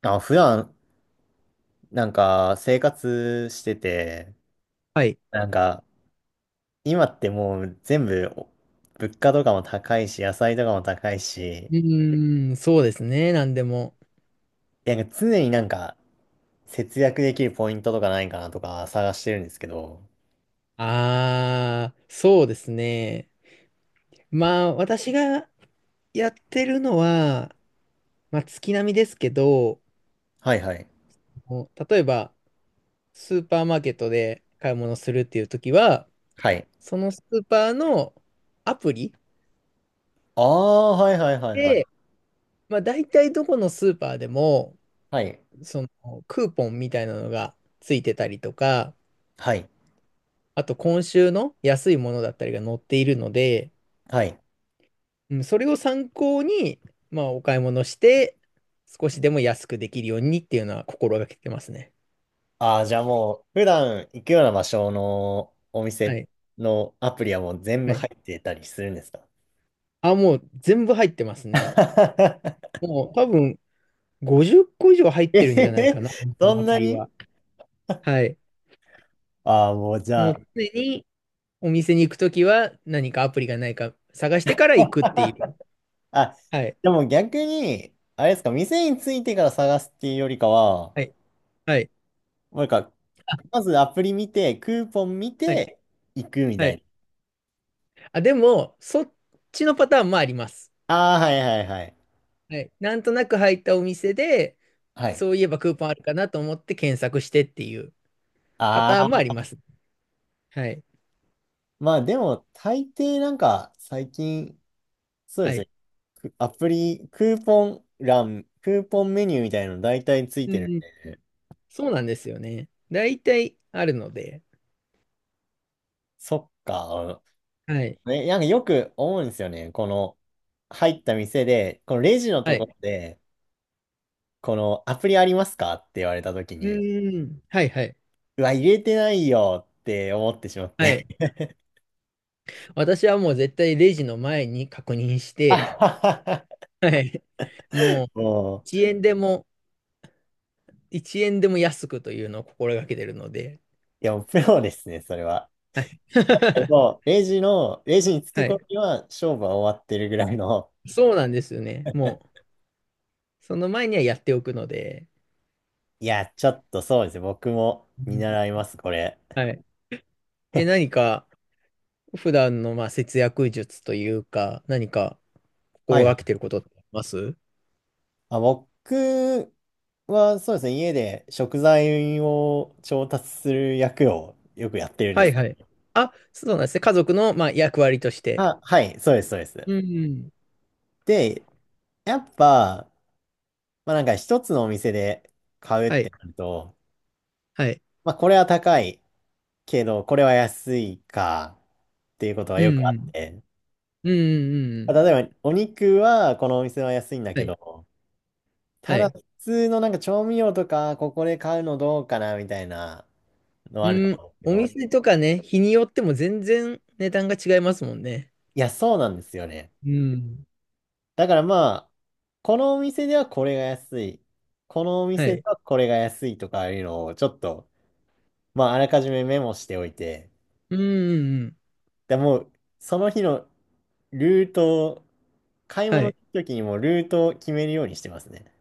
あ、普段、生活してて、はい。なんか、今ってもう全部、物価とかも高いし、野菜とかも高いし、うーん、そうですね。なんでも。なんか常に、節約できるポイントとかないかなとか探してるんですけど。あー、そうですね。私がやってるのは、月並みですけど、はいはい。もう例えば、スーパーマーケットで買い物するっていう時は、はい。そのスーパーのアプリああ、はいはいはいはい。で、大体どこのスーパーでも、はい。その、クーポンみたいなのがついてたりとか、はい。あと、今週の安いものだったりが載っているので、はい。うん、それを参考に、お買い物して、少しでも安くできるようにっていうのは心がけてますね。ああ、じゃあもう、普段行くような場所のおは店い。のアプリはもう全部はい。入ってたりするんですか？ あ、もう全部入ってますね。もう多分50個以上入 っえてるんへじゃないかへ、な、お店そのんアなプリに。は。はい。ああー、もうじゃもうあ、常にお店に行くときは何かアプリがないか探してから行くっていう。あ、はい。でも逆に、あれですか、店についてから探すっていうよりかは、はい。はい。なんか、あ、まずアプリ見て、クーポン見はい。て、行くみはたいい。な。あ、でも、そっちのパターンもあります。ああ、はいはいはい。はい。なんとなく入ったお店で、はい。そういえばクーポンあるかなと思って検索してっていうパあターンもあ、あります。はい。まあでも、大抵なんか、最近、そうではすね、い。くアプリ、クーポンメニューみたいなの大体ついうてるんん。で。そうなんですよね。大体あるので。そっか。はい。ね、なんかよく思うんですよね。この、入った店で、このレジのはところい。で、このアプリありますかって言われたときうに、ーん。はいはい。うわ、入れてないよって思ってしまっはて。い。私はもう絶対レジの前に確認しあて、ははははい。もうもう、1円でも、1円でも安くというのを心がけてるので。いや、もうプロですね、それは。はい。確かに もう、レジに着くは頃い。には勝負は終わってるぐらいの。そうなんですよね。もう、その前にはやっておくので。いや、ちょっとそうですね、僕もう見ん、習います、これ。はい。え、何か、普段の節約術というか、何かは心いはがけい。てることってあります？あ、僕はそうですね、家で食材を調達する役をよくやってるんではいす。はい。あ、そうなんですね。家族の役割として。あ、はい、そうです、そうです。うんうん。で、やっぱ、まあなんか一つのお店で買うっはてい。なると、はい。まあこれは高いけど、これは安いかっていうことはうよくあんうっん。て、うんうんうんうまあん。例えばお肉はこのお店は安いんだはけい。ど、はただい。普通のなんか調味料とかここで買うのどうかなみたいなのうんあるとはいはいうん、思うんですけおど、店とかね、日によっても全然値段が違いますもんね。いや、そうなんですよね。うん。だからまあ、このお店ではこれが安い、このおは店でい。はこれが安いとかいうのをちょっと、まああらかじめメモしておいて、うんうんうん。で、もうその日のルートを、買いは物のい。時にもルートを決めるようにしてますね。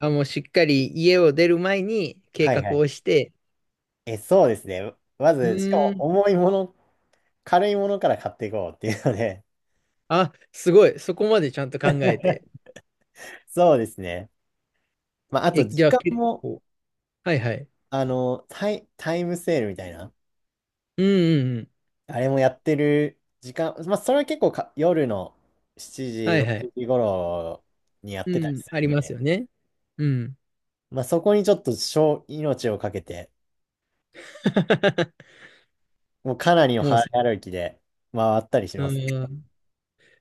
あ、もうしっかり家を出る前に計はいは画い。をして、え、そうですね。まうず、しかもーん。重いもの、軽いものから買っていこうっていうので。あ、すごい。そこまでちゃんと考えて。そうですね。まああとえ、時じゃあ間結も、構はいはい。あの、タイムセールみたいな。うんうんうん。あれもやってる時間、まあ、それは結構か夜の7時、はいはい。6時頃にやってたうりん。すあるりんますで、よね。うん。まあ、そこにちょっと小命をかけて、もうかなりのもう早さ、歩きで回ったりしうます。ん。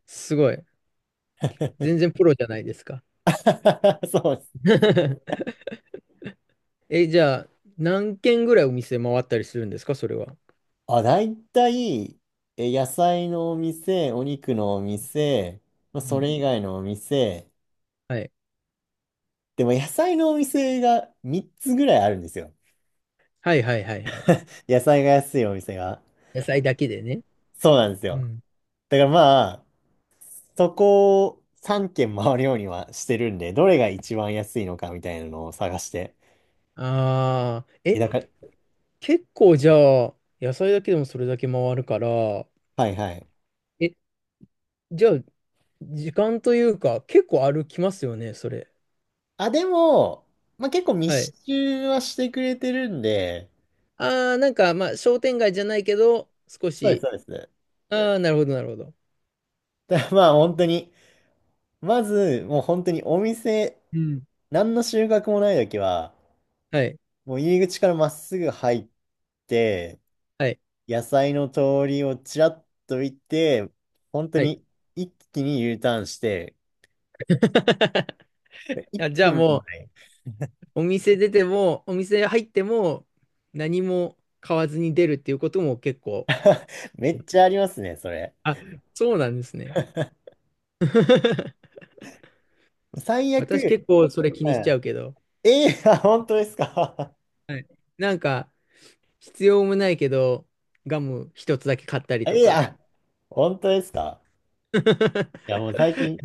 すごい。全然プロじゃないですか。そうです。え、じゃあ、何軒ぐらいお店回ったりするんですか、それは。あ、大体、え、野菜のお店、お肉のお店、まあ、うそん。れ以外のお店、はい。でも野菜のお店が3つぐらいあるんですよ。はいはいはいはい。野菜が安いお店が。野菜だけでね。そうなんですうよ。ん。だからまあ、そこを3軒回るようにはしてるんで、どれが一番安いのかみたいなのを探して。ああ、え、え、だから、結構じゃあ、野菜だけでもそれだけ回るから、はいはい。え、じゃあ、時間というか、結構歩きますよね、それ。あ、でも、まあ結構は密い。集はしてくれてるんで、ああ、商店街じゃないけど、少そうです、し、そうです。ああ、なるほど、なるほど。だからまあ本当に、まず、もう本当にお店、うん。何の収穫もない時は、はい、もう入り口からまっすぐ入って、はい、野菜の通りをちらっと見て、本当はい。に一気に U ターンして、1あ、じゃあ分ももう、ない。お店出ても、お店入っても、何も買わずに出るっていうことも結構、めっちゃありますね、それ。あ、そうなんですね。最悪、私うん。結構それ気にしちゃうけど、ええ、あ、本当ですか？ はい。なんか、必要もないけど、ガム一つだけ買った りとええ、か。あ、本当ですか？いや、もう最 近、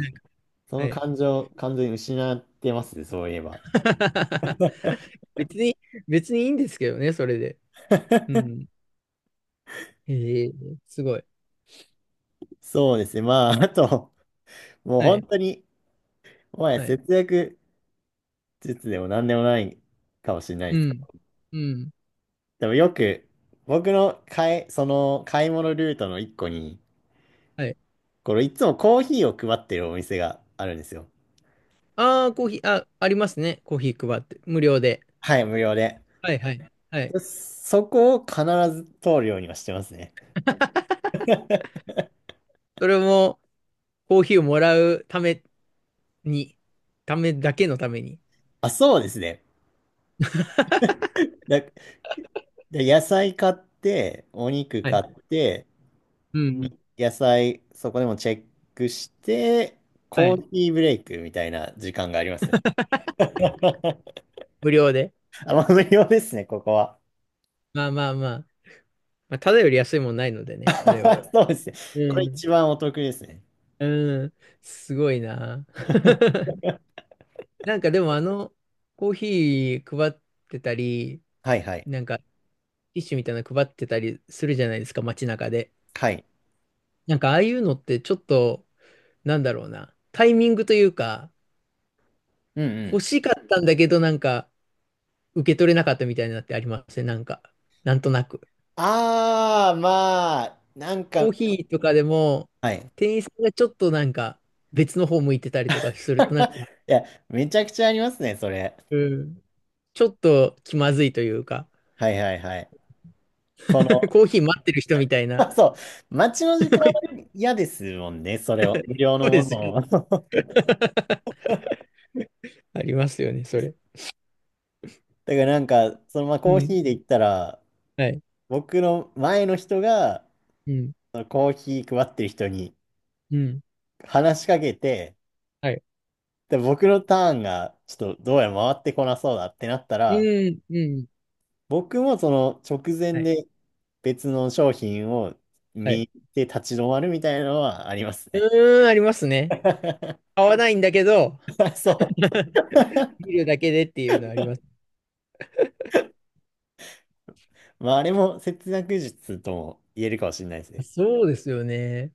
そはのい。 感情、完全に失ってますね、そういえば。別に、別にいいんですけどね、それで。う ん。ええ、すごい。そうですね、まあ、あと、もうは本い。当に、もはやはい。節約術でも何でもないかもしれないうですけん。ど、うん。でもよく、僕の買い、その買い物ルートの一個に、はい。これいつもコーヒーを配ってるお店があるんですよ。ああ、コーヒー、あ、ありますね。コーヒー配って。無料で。はい、無料で。はい、はい。はい。そこを必ず通るようにはしてますね。それも、コーヒーをもらうために、ためだけのために。あ、そうですね。だ、で野菜買って、お肉は買い。って、うん。うん、野菜そこでもチェックして、はコい。ーヒーブレイクみたいな時間がありますね。無料で。あ、まあ無料ですね、ここは。まあまあまあ。まあ、ただより安いもんないのでね、あれは。そうですね。うこれん。一番お得ですね。うん。すごいな。なんかでもコーヒー配ってたり、はいはい。なんかティッシュみたいなの配ってたりするじゃないですか、街中で。はい。なんかああいうのってちょっと、なんだろうな、タイミングというか、うんう欲ん。しかったんだけど、なんか受け取れなかったみたいなのってありますね、なんか、なんとなく。ああ、まあ、なんコーか、ヒーとかでも、はい。店員さんがちょっとなんか別の方向いてたりとかすると、なんか、いや、めちゃくちゃありますね、それ。うん、ちょっと気まずいというか、はいはいはい。この コーヒー待ってる人みたい な。あそう。待ちの時間は 嫌ですもんね、それを。無料そのうもですよのね。を。だかありますよね、それ。らなんか、そのまあうコーヒん。ーで言ったら、はい。僕の前の人が、うん。そのコーヒー配ってる人にうん。話しかけて、はい。で、僕のターンが、ちょっとどうやら回ってこなそうだってなったら、うん。うん。僕もその直は前い。で別の商品をはい。見て立ち止まるみたいなのはありますうね。ーん、ありますね。買わないんだけど、そ 見るだけでっていうのはあります。う。まあ、あれも節約術とも言えるかもしれないですね。そうですよね。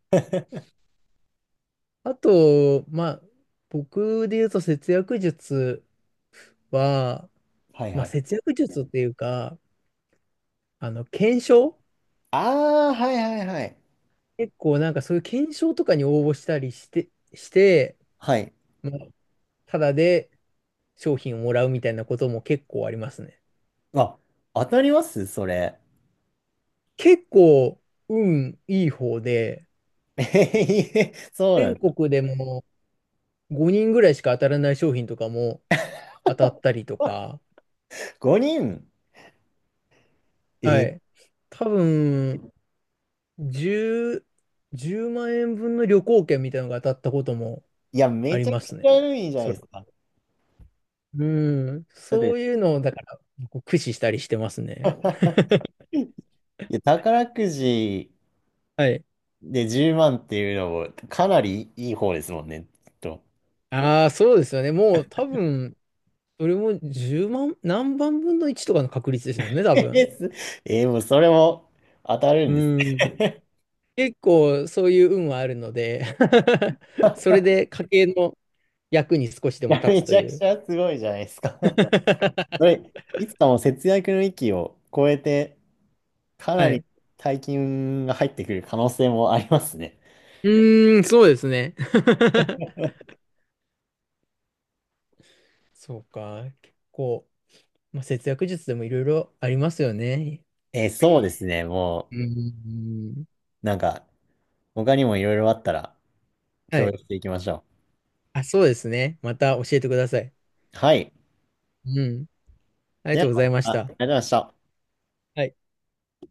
あと、僕で言うと節約術は、はいまはあ、い。節約術っていうか、検証、ああ、はいはいはい。結構なんかそういう検証とかに応募したりして、して、はい。まあ、ただで商品をもらうみたいなことも結構ありますね。あ、当たりますそれ？結構、運いい方で、えへへそうなん全だ。国でも5人ぐらいしか当たらない商品とかも当たったりとか、5人。はえ、い。多分、10、10万円分の旅行券みたいなのが当たったこともいや、あめりちゃまくちすね。ゃいいじゃないそでれ。すか。うん。だっそて、ういうのを、だから、こう駆使したりしてますね。いや、宝くじはい。で10万っていうのもかなりいい方ですもんね。きっと。ああ、そうですよね。もう多分、それも10万、何万分の1とかの確率ですよね、多 え分。す、えもうそれも当たるんです。うん。結構そういう運はあるので。 それ で家計の役に少しでいもや、め立つとちゃいくう。 ちゃすごいじゃないですか。それ、いつかも節約の域を超えてかなはい。り大金が入ってくる可能性もありますね。うーん、そうですね。そうか。結構、節約術でもいろいろありますよね。えーそうですね。もうーん。う、なんか、他にもいろいろあったらは共い。有していきましょあ、そうですね。また教えてください。う。はい。うん。ありがでとは、うございましまたあた。りがとうございました。はい。